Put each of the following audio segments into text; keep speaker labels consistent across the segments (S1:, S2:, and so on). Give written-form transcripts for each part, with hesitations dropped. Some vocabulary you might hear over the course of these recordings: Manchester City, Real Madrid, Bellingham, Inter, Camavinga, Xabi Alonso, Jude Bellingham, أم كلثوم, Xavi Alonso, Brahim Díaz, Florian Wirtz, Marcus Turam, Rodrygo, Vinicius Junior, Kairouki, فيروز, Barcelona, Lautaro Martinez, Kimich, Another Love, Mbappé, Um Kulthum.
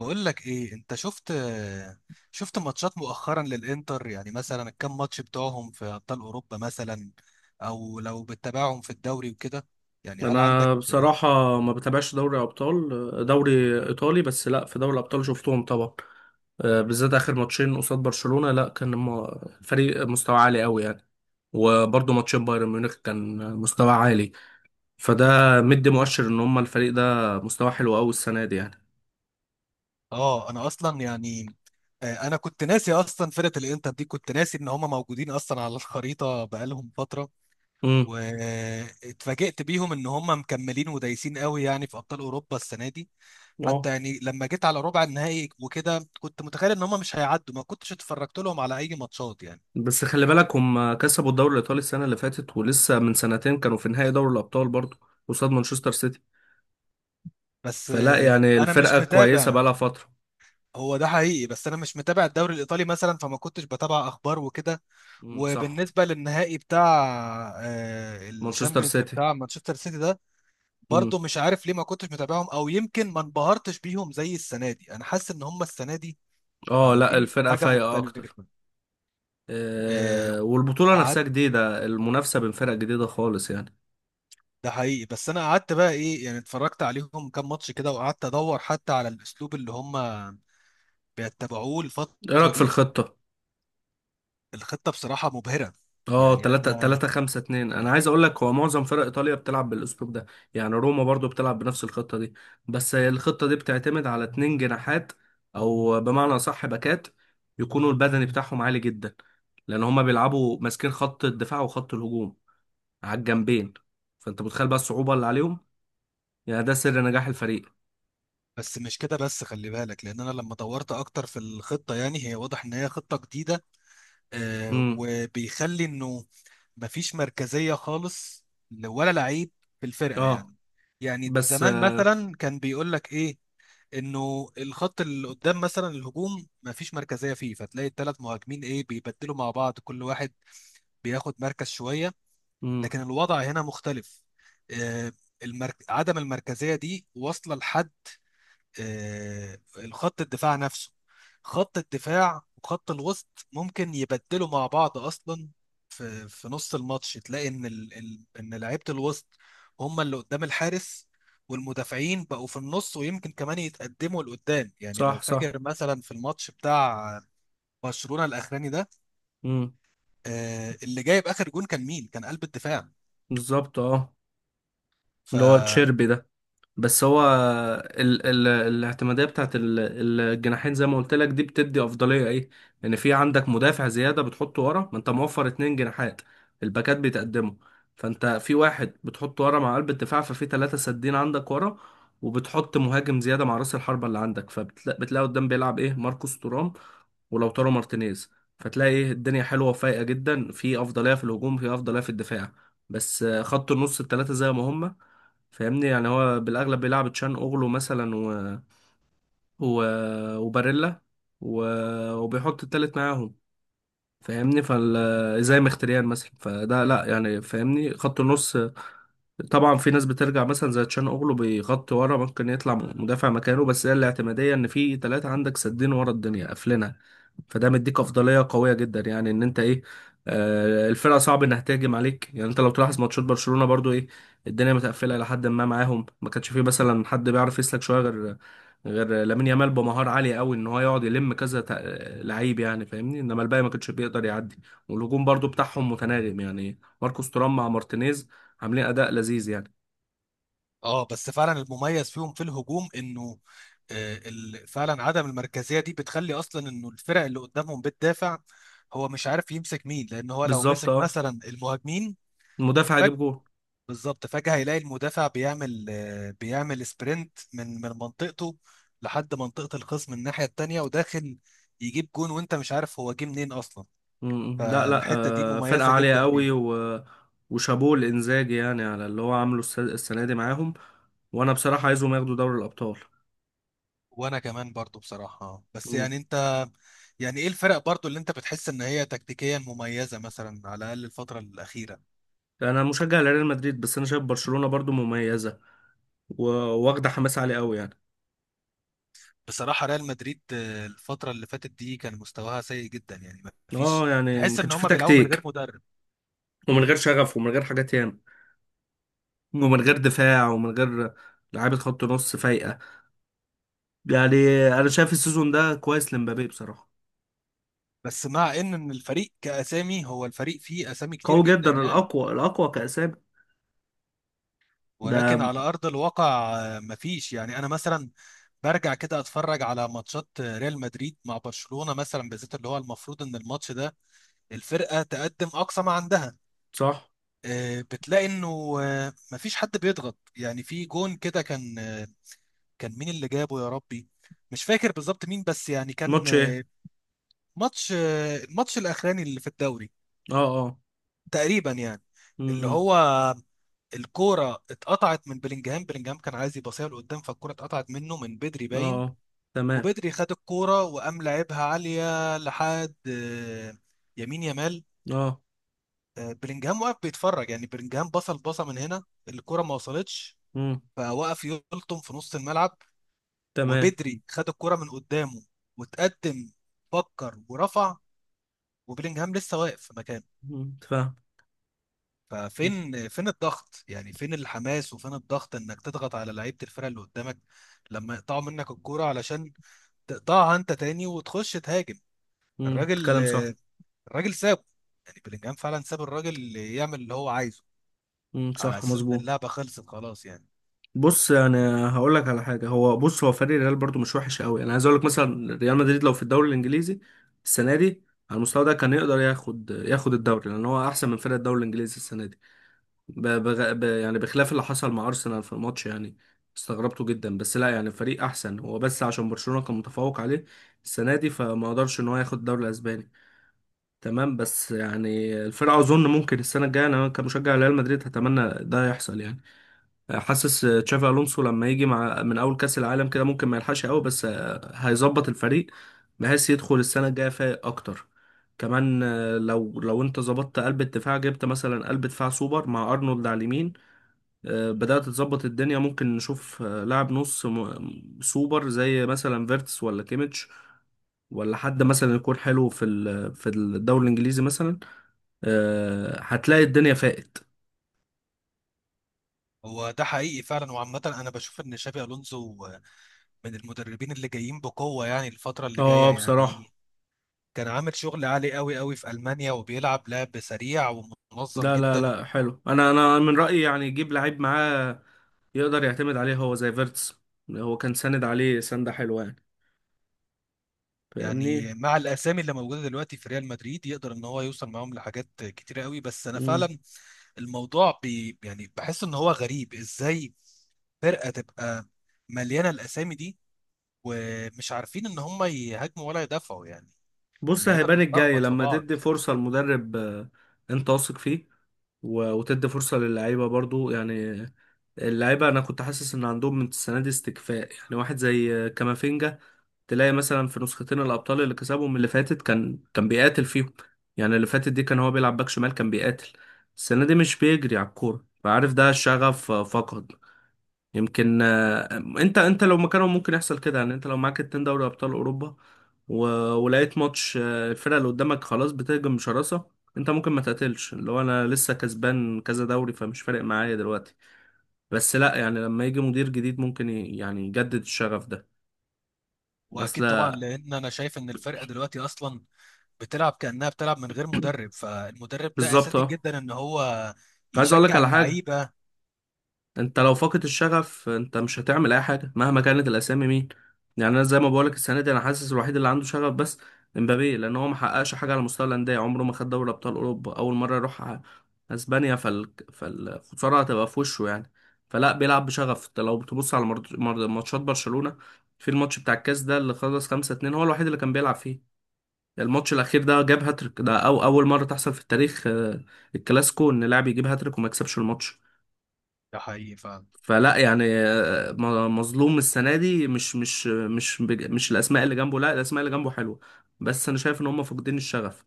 S1: بقول لك ايه انت شفت ماتشات مؤخرا للانتر، يعني مثلا الكام ماتش بتوعهم في ابطال اوروبا، مثلا او لو بتتابعهم في الدوري وكده، يعني هل عندك؟
S2: انا بصراحه ما بتابعش دوري ابطال، دوري ايطالي بس. لا، في دوري الابطال شفتهم طبعا. آه، بالذات اخر ماتشين قصاد برشلونه. لا كان الفريق مستوى عالي قوي يعني. وبرضه ماتشين بايرن ميونخ كان مستوى عالي. فده مدي مؤشر ان هم الفريق ده مستوى حلو قوي السنه دي يعني.
S1: اه انا اصلا يعني، انا كنت ناسي اصلا فرقة الانتر دي، كنت ناسي ان هم موجودين اصلا على الخريطة بقالهم فترة.
S2: امم.
S1: واتفاجئت بيهم ان هم مكملين ودايسين قوي يعني في ابطال اوروبا السنة دي. حتى
S2: اه،
S1: يعني لما جيت على ربع النهائي وكده كنت متخيل ان هم مش هيعدوا، ما كنتش اتفرجت لهم على اي ماتشات يعني.
S2: بس خلي بالك هم كسبوا الدوري الايطالي السنه اللي فاتت، ولسه من سنتين كانوا في نهائي دوري الابطال برضه، قصاد مانشستر سيتي.
S1: بس
S2: فلا يعني
S1: انا مش
S2: الفرقه كويسه
S1: متابع.
S2: بقالها فتره.
S1: هو ده حقيقي، بس انا مش متابع الدوري الايطالي مثلا، فما كنتش بتابع اخبار وكده.
S2: امم، صح.
S1: وبالنسبه للنهائي بتاع
S2: مانشستر
S1: الشامبيونز
S2: سيتي.
S1: بتاع مانشستر سيتي ده،
S2: مم.
S1: برضو مش عارف ليه ما كنتش متابعهم، او يمكن ما انبهرتش بيهم زي السنه دي. انا حاسس ان هم السنه دي
S2: اه، لا،
S1: عاملين
S2: الفرقة
S1: حاجه
S2: فايقة اكتر.
S1: مختلفه.
S2: آه،
S1: آه،
S2: والبطولة
S1: قعدت
S2: نفسها جديدة، المنافسة بين فرق جديدة خالص يعني.
S1: ده حقيقي، بس انا قعدت بقى ايه يعني، اتفرجت عليهم كام ماتش كده وقعدت ادور حتى على الاسلوب اللي هم بيتبعوه
S2: ايه
S1: الفتره
S2: رأيك في
S1: دي.
S2: الخطة؟
S1: الخطة بصراحة مبهرة.
S2: اه،
S1: يعني
S2: 3
S1: أنا،
S2: 3 5 2. انا عايز اقول لك هو معظم فرق ايطاليا بتلعب بالاسلوب ده. يعني روما برضو بتلعب بنفس الخطة دي. بس هي الخطة دي بتعتمد على اتنين جناحات، او بمعنى اصح باكات، يكونوا البدني بتاعهم عالي جدا، لان هما بيلعبوا ماسكين خط الدفاع وخط الهجوم على الجنبين. فانت متخيل بقى الصعوبة اللي عليهم. يعني ده سر نجاح الفريق.
S1: بس مش كده، بس خلي بالك، لأن أنا لما دورت أكتر في الخطة يعني، هي واضح إن هي خطة جديدة.
S2: امم.
S1: وبيخلي إنه مفيش مركزية خالص، ولا لعيب في الفرقة
S2: اه.
S1: يعني. يعني
S2: بس.
S1: زمان مثلا كان بيقول لك إيه، إنه الخط اللي قدام مثلا الهجوم مفيش مركزية فيه، فتلاقي الثلاث مهاجمين إيه بيبدلوا مع بعض، كل واحد بياخد مركز شوية.
S2: امم،
S1: لكن الوضع هنا مختلف. آه، عدم المركزية دي واصلة لحد الخط الدفاع نفسه. خط الدفاع وخط الوسط ممكن يبدلوا مع بعض أصلا، في نص الماتش تلاقي إن إن لعيبة الوسط هم اللي قدام الحارس، والمدافعين بقوا في النص، ويمكن كمان يتقدموا لقدام. يعني لو
S2: صح صح.
S1: فاكر مثلا في الماتش بتاع برشلونة الأخراني ده،
S2: امم.
S1: اللي جايب آخر جون كان مين؟ كان قلب الدفاع.
S2: بالظبط، اه.
S1: ف
S2: اللي هو تشيربي ده. بس هو ال ال الاعتمادية بتاعت الجناحين زي ما قلت لك دي بتدي أفضلية إيه؟ إن في عندك مدافع زيادة بتحطه ورا ما أنت موفر اتنين جناحات. الباكات بيتقدموا. فأنت في واحد بتحطه ورا مع قلب الدفاع، ففي تلاتة سادين عندك ورا، وبتحط مهاجم زيادة مع رأس الحربة اللي عندك، فبتلاقي قدام بيلعب إيه؟ ماركوس تورام ولوتارو مارتينيز. فتلاقي إيه؟ الدنيا حلوة وفايقة جدا، في أفضلية في الهجوم، في أفضلية في الدفاع. بس آه، خط النص التلاتة زي ما هما، فاهمني. يعني هو بالاغلب بيلعب تشان اوغلو مثلا و... وباريلا و... وبيحط التالت معاهم. فاهمني، زي مختريان مثلا. فده لا يعني. فاهمني، خط النص طبعا في ناس بترجع مثلا زي تشان اوغلو بيغطي ورا، ممكن يطلع مدافع مكانه. بس هي الاعتماديه ان في ثلاثه عندك سدين ورا، الدنيا قافلينها. فده مديك افضليه قويه جدا، يعني ان انت ايه؟ آه، الفرقه صعب انها تهاجم عليك يعني. انت لو تلاحظ ماتشات برشلونه برضو ايه؟ الدنيا متقفله لحد ما معاهم. ما كانش فيه مثلا حد بيعرف يسلك شويه غير لامين يامال بمهارة عالية قوي، ان هو يقعد يلم كذا لعيب يعني. فاهمني، انما الباقي ما كانش بيقدر يعدي. والهجوم برضو بتاعهم متناغم يعني ماركوس تورام مع مارتينيز عاملين اداء لذيذ يعني.
S1: اه، بس فعلا المميز فيهم في الهجوم انه فعلا عدم المركزيه دي بتخلي اصلا انه الفرق اللي قدامهم بتدافع هو مش عارف يمسك مين، لان هو لو
S2: بالظبط،
S1: مسك
S2: اه.
S1: مثلا المهاجمين
S2: المدافع
S1: فجأة.
S2: هيجيب جول.
S1: بالظبط فجأة هيلاقي المدافع بيعمل سبرنت من منطقته لحد منطقة الخصم الناحية التانية وداخل، يجيب جون وانت مش عارف هو جه منين اصلا.
S2: م- م. لا لا.
S1: فالحتة دي
S2: آه، فرقة
S1: مميزة
S2: عالية
S1: جدا
S2: قوي
S1: فيه.
S2: وشابوه الانزاجي يعني على اللي هو عامله السنة دي معاهم. وانا بصراحة عايزهم ياخدوا دوري الابطال.
S1: وانا كمان برضو بصراحة، بس
S2: م.
S1: يعني انت، يعني ايه الفرق برضو اللي انت بتحس ان هي تكتيكيا مميزة، مثلا على الاقل الفترة الاخيرة؟
S2: انا مشجع لريال مدريد، بس انا شايف برشلونة برضو مميزة و- واخدة حماس عالي قوي يعني.
S1: بصراحة ريال مدريد الفترة اللي فاتت دي كان مستواها سيء جدا، يعني ما فيش،
S2: اه يعني ما
S1: تحس ان
S2: كانش فيه
S1: هم بيلعبوا من غير
S2: تكتيك،
S1: مدرب.
S2: ومن غير شغف ومن غير حاجات ياما، ومن غير
S1: مم.
S2: دفاع ومن غير لعيبة خط نص فايقة يعني. أنا شايف السيزون ده كويس لمبابي بصراحة.
S1: بس مع إن الفريق كاسامي، هو الفريق فيه اسامي كتير
S2: قوي جدا،
S1: جدا يعني،
S2: الأقوى الأقوى كأسامي. ده.
S1: ولكن على ارض الواقع مفيش. يعني انا مثلا برجع كده اتفرج على ماتشات ريال مدريد مع برشلونة مثلا، بالذات اللي هو المفروض ان الماتش ده الفرقة تقدم أقصى ما عندها،
S2: صح.
S1: بتلاقي إنه مفيش حد بيضغط. يعني في جون كده كان مين اللي جابه يا ربي، مش فاكر بالظبط مين، بس يعني كان
S2: ماتش إيه؟
S1: آه، ماتش آه، الماتش الأخراني اللي في الدوري
S2: أه، أه.
S1: تقريبا يعني. اللي
S2: م.
S1: هو الكورة اتقطعت من بلينجهام. بلينجهام كان عايز يباصيها لقدام، فالكورة اتقطعت منه من بدري
S2: أه،
S1: باين.
S2: أه. تمام.
S1: وبدري خد الكورة وقام لعبها عالية لحد يمين يمال.
S2: أه.
S1: بلينجهام واقف بيتفرج، يعني بلينجهام بصل بصه من هنا الكره ما وصلتش،
S2: م.
S1: فوقف يلطم في نص الملعب.
S2: تمام.
S1: وبدري خد الكره من قدامه وتقدم، فكر ورفع، وبلينجهام لسه واقف في مكانه.
S2: م. فاهم.
S1: ففين الضغط، يعني فين الحماس وفين الضغط انك تضغط على لعيبه الفرقه اللي قدامك لما يقطعوا منك الكوره علشان تقطعها انت تاني وتخش تهاجم.
S2: م.
S1: الراجل
S2: كلام صح.
S1: آه، الراجل سابه، يعني بلينجهام فعلا ساب الراجل يعمل اللي هو عايزه،
S2: م.
S1: على
S2: صح،
S1: اساس ان
S2: مظبوط.
S1: اللعبه خلصت خلاص يعني.
S2: بص انا هقول لك على حاجه. هو بص، هو فريق الريال برضو مش وحش قوي. انا عايز اقول لك مثلا ريال مدريد لو في الدوري الانجليزي السنه دي على المستوى ده كان يقدر ياخد الدوري، لان هو احسن من فرق الدوري الانجليزي السنه دي. يعني بخلاف اللي حصل مع ارسنال في الماتش يعني، استغربته جدا. بس لا يعني فريق احسن هو، بس عشان برشلونه كان متفوق عليه السنه دي فما قدرش ان هو ياخد الدوري الاسباني. تمام. بس يعني الفرقه اظن ممكن السنه الجايه، انا كمشجع ريال مدريد هتمنى ده يحصل يعني. حاسس آه، تشافي الونسو لما يجي مع من اول كاس العالم كده ممكن ما يلحقش قوي، بس آه، هيظبط الفريق بحيث يدخل السنه الجايه فايق اكتر. كمان آه، لو انت ظبطت قلب الدفاع، جبت مثلا قلب دفاع سوبر مع ارنولد على اليمين، آه، بدأت تظبط الدنيا. ممكن نشوف آه، لاعب نص سوبر زي مثلا فيرتس ولا كيميتش، ولا حد مثلا يكون حلو في الدوري الانجليزي مثلا، آه، هتلاقي الدنيا فاقت.
S1: هو ده حقيقي فعلا، وعامة أنا بشوف إن شابي ألونسو من المدربين اللي جايين بقوة يعني الفترة اللي جاية
S2: اه بصراحة.
S1: يعني. كان عامل شغل عالي قوي قوي في ألمانيا، وبيلعب لعب سريع ومنظم
S2: لا لا
S1: جدا.
S2: لا، حلو. انا من رأيي يعني يجيب لعيب معاه يقدر يعتمد عليه، هو زي فيرتس. هو كان ساند عليه سندة حلوة يعني. فاهمني.
S1: يعني مع الأسامي اللي موجودة دلوقتي في ريال مدريد يقدر إن هو يوصل معاهم لحاجات كتيرة قوي. بس أنا
S2: مم.
S1: فعلا الموضوع بي يعني بحس إن هو غريب إزاي فرقة تبقى مليانة الأسامي دي ومش عارفين إن هم يهاجموا ولا يدافعوا يعني،
S2: بص
S1: اللعيبة
S2: هيبان الجاي
S1: بتتلخبط في
S2: لما
S1: بعض.
S2: تدي فرصة لمدرب آه، انت واثق فيه، وتدي فرصة للعيبة برضو يعني. اللعيبة انا كنت حاسس ان عندهم من السنة دي استكفاء، يعني واحد زي آه، كامافينجا تلاقي مثلا في نسختين الابطال اللي كسبهم اللي فاتت كان بيقاتل فيهم. يعني اللي فاتت دي كان هو بيلعب باك شمال كان بيقاتل. السنه دي مش بيجري على الكوره، فعارف ده الشغف آه، فقد. يمكن آه، انت لو مكانه ممكن يحصل كده يعني. انت لو معاك اتنين دوري ابطال اوروبا، و... ولقيت ماتش آه، الفرقه اللي قدامك خلاص بتهجم بشراسه، انت ممكن ما تقاتلش، اللي هو انا لسه كسبان كذا دوري فمش فارق معايا دلوقتي. بس لا يعني لما يجي مدير جديد ممكن يعني يجدد الشغف ده. اصل.
S1: واكيد طبعا، لان انا شايف ان الفرقه دلوقتي اصلا بتلعب كانها بتلعب من غير مدرب، فالمدرب ده
S2: بالظبط،
S1: اساسي
S2: اه.
S1: جدا ان هو
S2: عايز اقول لك
S1: يشجع
S2: على حاجه.
S1: اللعيبه.
S2: انت لو فاقد الشغف انت مش هتعمل اي حاجه مهما كانت الاسامي مين. يعني انا زي ما بقول لك السنه دي، انا حاسس الوحيد اللي عنده شغف بس امبابي، لان هو ما حققش حاجه على مستوى الانديه، عمره ما خد دوري ابطال اوروبا، اول مره يروح اسبانيا، فالخساره هتبقى في وشه يعني. فلا بيلعب بشغف. انت لو تبص على ماتشات برشلونه في الماتش بتاع الكاس ده اللي خلص 5 2، هو الوحيد اللي كان بيلعب فيه. الماتش الاخير ده جاب هاتريك، ده أو اول مره تحصل في التاريخ آه، الكلاسيكو ان لاعب يجيب هاتريك وما يكسبش الماتش.
S1: ده حقيقي فعلا.
S2: فلا يعني آه، مظلوم السنه دي، مش مش الاسماء اللي جنبه. لا، الاسماء اللي جنبه حلوه بس انا شايف ان هم فاقدين الشغف.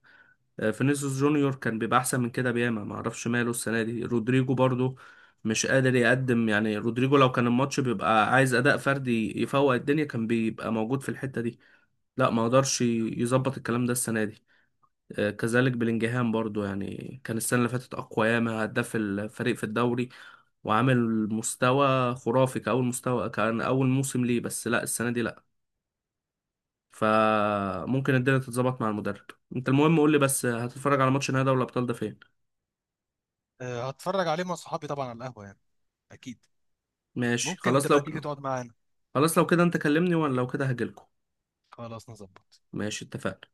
S2: آه، فينيسيوس جونيور كان بيبقى احسن من كده بياما، ما اعرفش ماله السنه دي. رودريجو برضو مش قادر يقدم يعني، رودريجو لو كان الماتش بيبقى عايز اداء فردي يفوق الدنيا كان بيبقى موجود في الحته دي. لا ما قدرش يظبط الكلام ده السنه دي. آه، كذلك بلينجهام برضو يعني كان السنه اللي فاتت اقوى ياما، هداف الفريق في الدوري وعامل مستوى خرافي، كأول مستوى كان أول موسم ليه. بس لا، السنة دي لا. فممكن الدنيا تتظبط مع المدرب. انت المهم قول لي، بس هتتفرج على ماتش نهائي دوري الأبطال ده فين؟
S1: أه، هتفرج عليه مع صحابي طبعا على القهوه يعني. اكيد
S2: ماشي،
S1: ممكن
S2: خلاص.
S1: تبقى تيجي تقعد معانا.
S2: خلاص لو كده انت كلمني، وانا لو كده هجيلكوا.
S1: خلاص نظبط.
S2: ماشي، اتفقنا.